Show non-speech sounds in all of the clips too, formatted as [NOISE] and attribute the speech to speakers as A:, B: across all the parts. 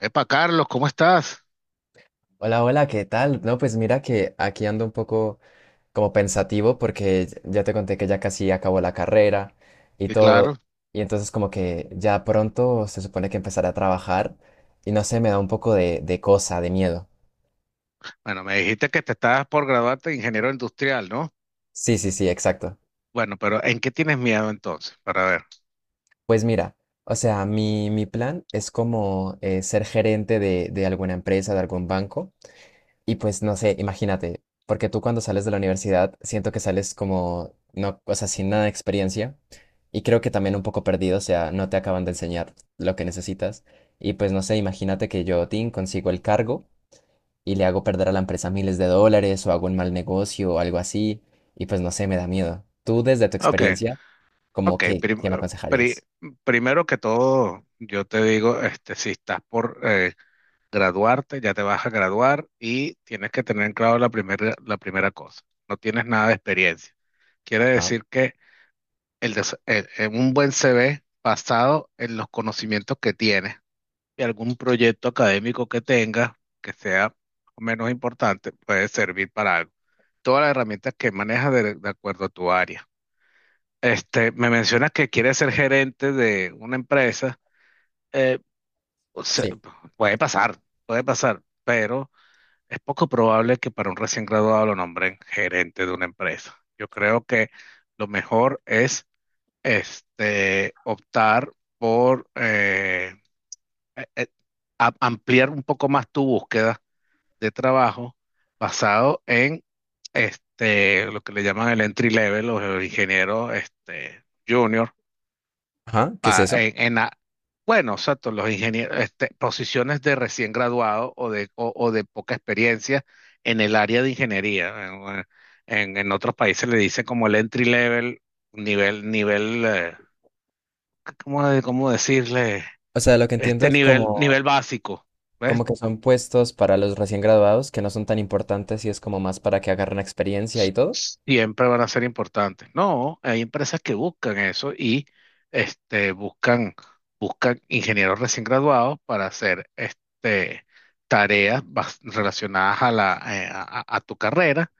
A: Epa, Carlos, ¿cómo estás?
B: Hola, hola, ¿qué tal? No, pues mira que aquí ando un poco como pensativo porque ya te conté que ya casi acabó la carrera y
A: Sí, claro.
B: todo. Y entonces como que ya pronto se supone que empezaré a trabajar y no sé, me da un poco de cosa, de miedo.
A: Bueno, me dijiste que te estabas por graduarte de ingeniero industrial, ¿no?
B: Sí, sí, sí, exacto.
A: Bueno, pero ¿en qué tienes miedo entonces? Para ver.
B: Pues mira, o sea, mi plan es como ser gerente de alguna empresa, de algún banco. Y pues no sé, imagínate, porque tú cuando sales de la universidad siento que sales como, no, o sea, sin nada de experiencia y creo que también un poco perdido, o sea, no te acaban de enseñar lo que necesitas. Y pues no sé, imagínate que yo, Tim, consigo el cargo y le hago perder a la empresa miles de dólares o hago un mal negocio o algo así y pues no sé, me da miedo. Tú desde tu
A: Ok,
B: experiencia, como
A: ok.
B: que, ¿qué me
A: Pri-
B: aconsejarías?
A: Primero que todo, yo te digo, si estás por graduarte, ya te vas a graduar y tienes que tener en claro la primera cosa. No tienes nada de experiencia. Quiere
B: Ajá,
A: decir que en un buen CV basado en los conocimientos que tienes y algún proyecto académico que tengas que sea menos importante puede servir para algo. Todas las herramientas que manejas de acuerdo a tu área. Me mencionas que quieres ser gerente de una empresa. eh, o sea,
B: sí.
A: puede pasar, puede pasar, pero es poco probable que para un recién graduado lo nombren gerente de una empresa. Yo creo que lo mejor es optar por eh, eh, ampliar un poco más tu búsqueda de trabajo basado en lo que le llaman el entry level, los ingenieros junior,
B: Ajá, ¿qué es
A: pa-
B: eso?
A: en, en a- bueno, exacto, los ingenieros, posiciones de recién graduado o de poca experiencia en el área de ingeniería. En otros países le dicen como el entry level, nivel, nivel, eh, ¿cómo decirle?
B: O sea, lo que entiendo es
A: Nivel,
B: como...
A: nivel básico.
B: Como
A: ¿Ves?
B: que son puestos para los recién graduados que no son tan importantes y es como más para que agarren experiencia y
A: s-
B: todo.
A: Siempre van a ser importantes. No, hay empresas que buscan eso y este, buscan, buscan ingenieros recién graduados para hacer tareas relacionadas a tu carrera,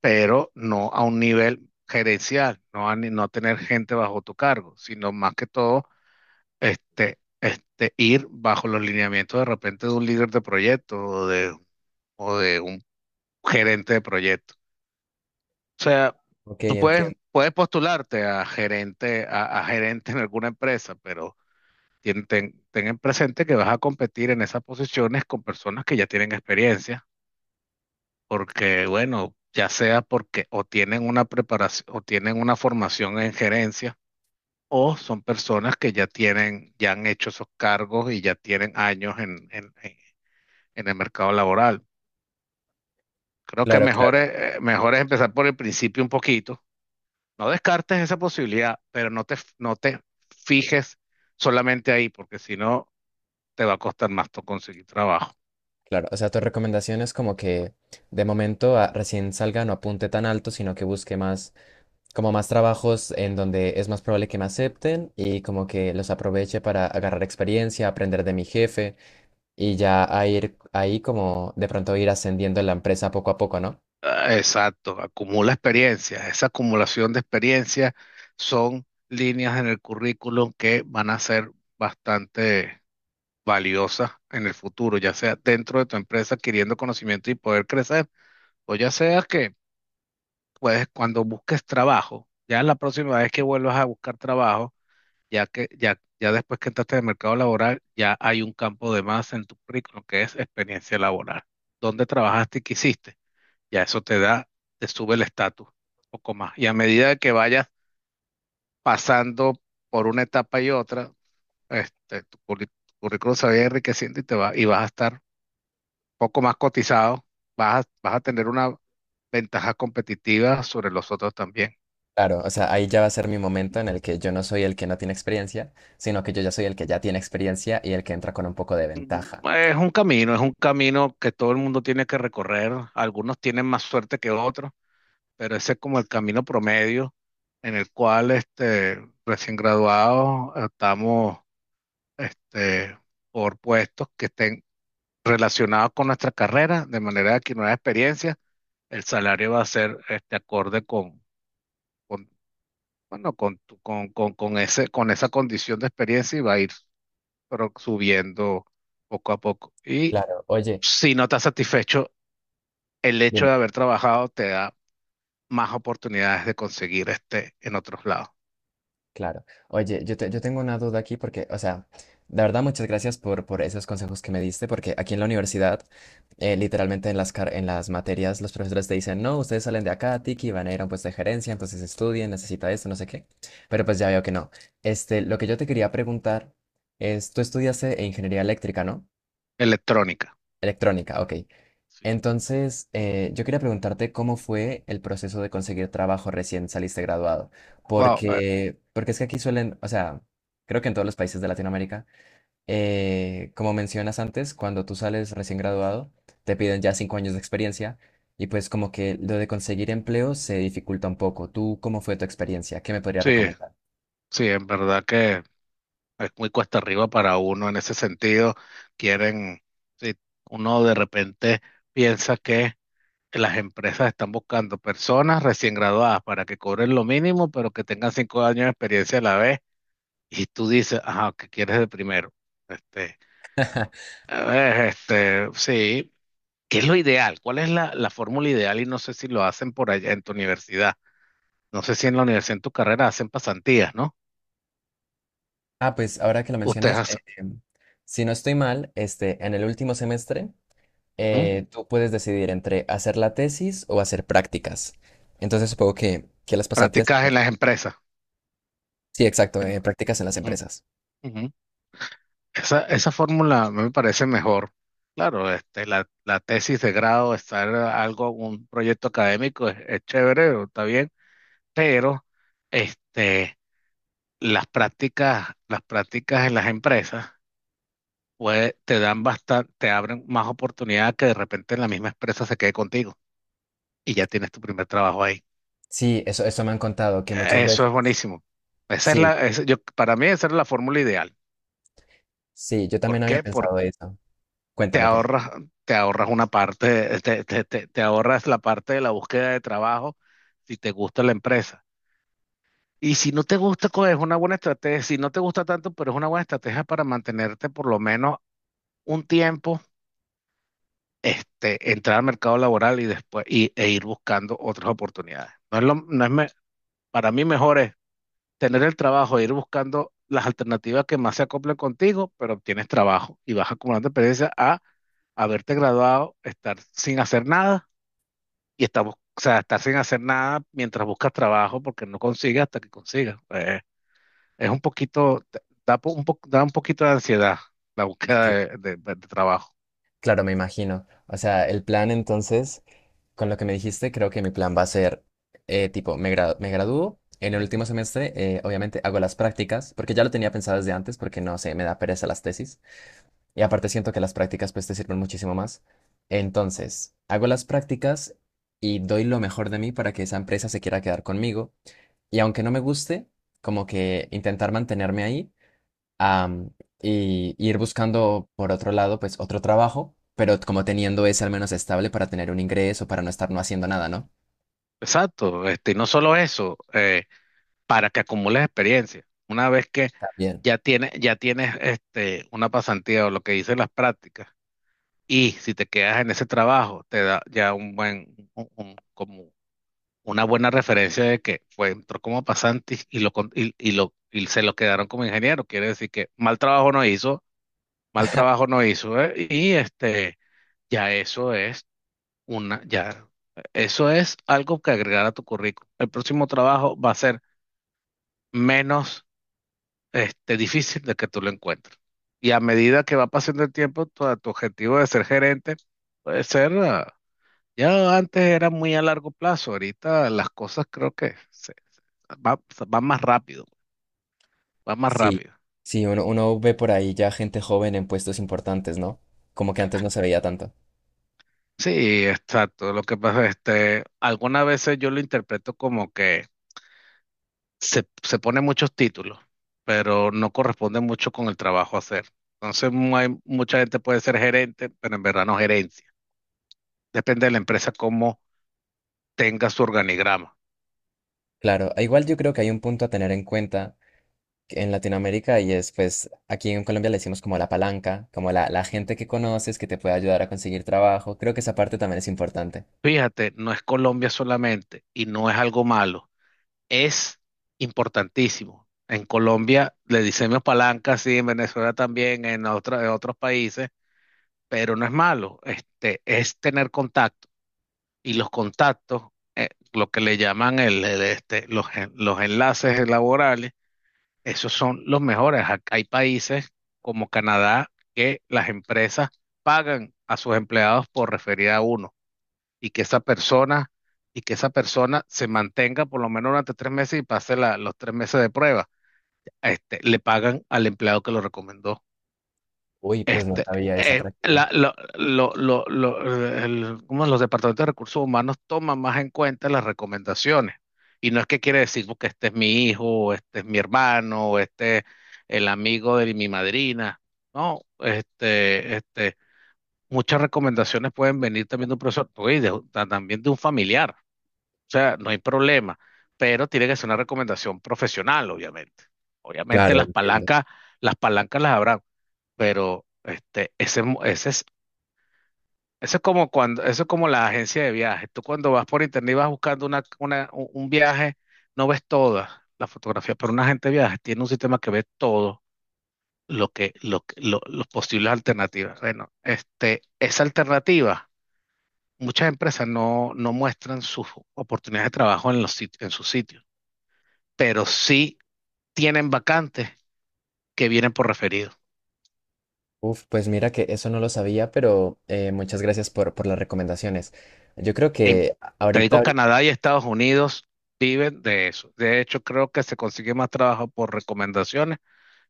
A: pero no a un nivel gerencial, no a ni- no tener gente bajo tu cargo, sino más que todo ir bajo los lineamientos de repente de un líder de proyecto o de un gerente de proyecto. O sea,
B: Ok,
A: tú puedes,
B: entiendo.
A: puedes postularte a gerente, a gerente en alguna empresa, pero ten en presente que vas a competir en esas posiciones con personas que ya tienen experiencia, porque bueno, ya sea porque o tienen una preparación o tienen una formación en gerencia, o son personas que ya tienen, ya han hecho esos cargos y ya tienen años en el mercado laboral. Creo que
B: Claro,
A: mejor
B: claro,
A: es, empezar por el principio un poquito. No descartes esa posibilidad, pero no te fijes solamente ahí, porque si no, te va a costar más conseguir trabajo.
B: claro. O sea, tu recomendación es como que de momento recién salga no apunte tan alto, sino que busque más, como más trabajos en donde es más probable que me acepten y como que los aproveche para agarrar experiencia, aprender de mi jefe y ya a ir ahí como de pronto ir ascendiendo en la empresa poco a poco, ¿no?
A: Ah, exacto, acumula experiencias. Esa acumulación de experiencias son líneas en el currículum que van a ser bastante valiosas en el futuro, ya sea dentro de tu empresa adquiriendo conocimiento y poder crecer, o ya sea pues, cuando busques trabajo, ya la próxima vez que vuelvas a buscar trabajo, ya después que entraste en el mercado laboral, ya hay un campo de más en tu currículum que es experiencia laboral. ¿Dónde trabajaste y qué hiciste? Ya eso te da, Te sube el estatus un poco más. Y a medida de que vayas pasando por una etapa y otra, tu currículum se va a ir enriqueciendo y y vas a estar un poco más cotizado, vas a tener una ventaja competitiva sobre los otros también.
B: Claro, o sea, ahí ya va a ser mi momento en el que yo no soy el que no tiene experiencia, sino que yo ya soy el que ya tiene experiencia y el que entra con un poco de ventaja.
A: Es un camino que todo el mundo tiene que recorrer. Algunos tienen más suerte que otros, pero ese es como el camino promedio en el cual recién graduados estamos este, por puestos que estén relacionados con nuestra carrera, de manera que nueva experiencia, el salario va a ser acorde con, bueno, con ese, con esa condición de experiencia y va a ir pero, subiendo poco a poco. Y
B: Claro, oye,
A: si no estás satisfecho, el hecho
B: dime,
A: de haber trabajado te da más oportunidades de conseguir en otros lados.
B: claro. Oye, yo tengo una duda aquí porque, o sea, de verdad muchas gracias por esos consejos que me diste, porque aquí en la universidad, literalmente en las materias, los profesores te dicen, no, ustedes salen de acá, Tiki, van a ir a un puesto de gerencia, entonces estudien, necesita esto, no sé qué. Pero pues ya veo que no. Este, lo que yo te quería preguntar es, tú estudiaste ingeniería eléctrica, ¿no?
A: Electrónica.
B: Electrónica, ok.
A: Sí.
B: Entonces, yo quería preguntarte cómo fue el proceso de conseguir trabajo recién saliste graduado,
A: Wow,
B: porque es que aquí suelen, o sea, creo que en todos los países de Latinoamérica, como mencionas antes, cuando tú sales recién graduado, te piden ya 5 años de experiencia y pues como que lo de conseguir empleo se dificulta un poco. ¿Tú cómo fue tu experiencia? ¿Qué me podrías
A: sí,
B: recomendar?
A: sí, en verdad que es muy cuesta arriba para uno en ese sentido. Quieren, sí, uno de repente piensa que las empresas están buscando personas recién graduadas para que cobren lo mínimo, pero que tengan cinco años de experiencia a la vez. Y tú dices, ajá, ¿qué quieres de primero? Este,
B: [LAUGHS]
A: a ver, sí, ¿qué es lo ideal? ¿Cuál es la fórmula ideal? Y no sé si lo hacen por allá en tu universidad. No sé si en la universidad, en tu carrera, hacen pasantías, ¿no?
B: Ah, pues ahora que lo
A: Ustedes
B: mencionas,
A: hacen
B: si no estoy mal, este, en el último semestre
A: ujú,
B: tú puedes decidir entre hacer la tesis o hacer prácticas. Entonces supongo que las pasantías...
A: prácticas en las empresas.
B: Sí, exacto,
A: En-
B: prácticas en las
A: ujú,
B: empresas.
A: ujú. Esa fórmula a mí me parece mejor. Claro, la tesis de grado, estar algo, un proyecto académico es chévere, está bien, pero este, las prácticas en las empresas te dan bastante, te abren más oportunidad que de repente en la misma empresa se quede contigo y ya tienes tu primer trabajo ahí.
B: Sí, eso me han contado, que muchas
A: Eso es
B: veces...
A: buenísimo. Esa es
B: Sí,
A: la, esa- Yo, para mí esa es la fórmula ideal.
B: sí, yo
A: ¿Por
B: también había
A: qué? Porque
B: pensado eso.
A: te
B: Cuéntame por qué.
A: ahorras, te ahorras una parte, te ahorras la parte de la búsqueda de trabajo si te gusta la empresa. Y si no te gusta, es una buena estrategia. Si no te gusta tanto, pero es una buena estrategia para mantenerte por lo menos un tiempo, entrar al mercado laboral e ir buscando otras oportunidades. No es lo, no es me- Para mí mejor es tener el trabajo, e ir buscando las alternativas que más se acoplen contigo, pero obtienes trabajo y vas acumulando experiencia a haberte graduado, estar sin hacer nada y o sea, estar sin hacer nada mientras buscas trabajo porque no consigues hasta que consigas. Es un poquito, da un poquito de ansiedad la búsqueda
B: Sí,
A: de trabajo.
B: claro, me imagino. O sea, el plan entonces, con lo que me dijiste, creo que mi plan va a ser, tipo, me gradúo. En el último semestre, obviamente, hago las prácticas, porque ya lo tenía pensado desde antes, porque no sé, me da pereza las tesis. Y aparte siento que las prácticas pues te sirven muchísimo más. Entonces, hago las prácticas y doy lo mejor de mí para que esa empresa se quiera quedar conmigo. Y aunque no me guste, como que intentar mantenerme ahí am, y ir buscando por otro lado pues otro trabajo, pero como teniendo ese al menos estable para tener un ingreso, para no estar no haciendo nada, ¿no?
A: Exacto, y no solo eso. Para que acumules experiencia. Una vez que
B: También.
A: ya tienes una pasantía o lo que dicen las prácticas, y si te quedas en ese trabajo, te da ya un buen, como una buena referencia de que fue, entró como pasante y lo, con- y lo, y se lo quedaron como ingeniero. Quiere decir que mal trabajo no hizo, mal trabajo no hizo, ¿eh? Y ya eso es una, ya, eso es algo que agregar a tu currículum. El próximo trabajo va a ser menos difícil de que tú lo encuentres. Y a medida que va pasando el tiempo, tu objetivo de ser gerente puede ser, ah, ya antes era muy a largo plazo, ahorita las cosas creo que va, van más rápido, va más
B: Sí,
A: rápido.
B: sí, uno ve por ahí ya gente joven en puestos importantes, ¿no? Como que antes no se veía tanto.
A: Sí, exacto. Lo que pasa, algunas veces yo lo interpreto como que se pone muchos títulos, pero no corresponde mucho con el trabajo a hacer. Entonces, mucha gente puede ser gerente, pero en verdad no gerencia. Depende de la empresa cómo tenga su organigrama.
B: Claro, e igual yo creo que hay un punto a tener en cuenta en Latinoamérica y es pues aquí en Colombia le decimos como la palanca, como la gente que conoces que te puede ayudar a conseguir trabajo. Creo que esa parte también es importante.
A: Fíjate, no es Colombia solamente y no es algo malo, es importantísimo. En Colombia le decimos palanca, sí, en Venezuela también, en otros países, pero no es malo, es tener contacto. Y los contactos, lo que le llaman el, este, los, en- los enlaces laborales, esos son los mejores. Hay países como Canadá que las empresas pagan a sus empleados por referir a uno. y que esa persona, y que esa persona se mantenga por lo menos durante tres meses y pase los tres meses de prueba. Le pagan al empleado que lo recomendó.
B: Uy, pues no
A: Este,
B: sabía esa
A: eh,
B: práctica.
A: la- lo- lo- lo- lo- ¿Cómo es? Los departamentos de recursos humanos toman más en cuenta las recomendaciones. Y no es que quiere decir que este es mi hijo, o este es mi hermano, o este es el amigo de mi madrina. No, muchas recomendaciones pueden venir también de un profesor, oye, también de un familiar. O sea, no hay problema, pero tiene que ser una recomendación profesional, obviamente. Obviamente
B: Claro, entiendo.
A: las palancas las habrán, pero ese es, eso es como cuando, eso es como la agencia de viajes. Tú cuando vas por internet y vas buscando un un viaje, no ves todas las fotografías, pero una agente de viajes tiene un sistema que ve todo los posibles alternativas. Bueno, esa alternativa, muchas empresas no muestran sus oportunidades de trabajo en los en sus sitios, pero sí tienen vacantes que vienen por referido.
B: Uf, pues mira que eso no lo sabía, pero muchas gracias por las recomendaciones. Yo creo
A: En,
B: que
A: Te digo, Canadá y Estados Unidos viven de eso. De hecho, creo que se consigue más trabajo por recomendaciones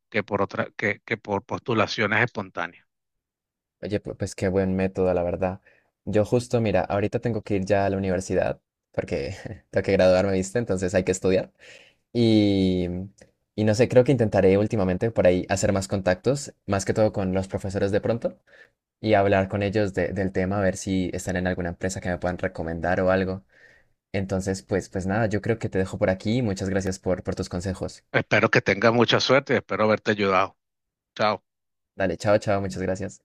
A: que por postulaciones espontáneas.
B: oye, pues qué buen método, la verdad. Yo justo, mira, ahorita tengo que ir ya a la universidad porque [LAUGHS] tengo que graduarme, ¿viste? Entonces hay que estudiar. Y, y no sé, creo que intentaré últimamente por ahí hacer más contactos, más que todo con los profesores de pronto, y hablar con ellos del tema, a ver si están en alguna empresa que me puedan recomendar o algo. Entonces, pues, nada, yo creo que te dejo por aquí. Y Muchas gracias por tus consejos.
A: Espero que tengas mucha suerte y espero haberte ayudado. Chao.
B: Dale, chao, chao, muchas gracias.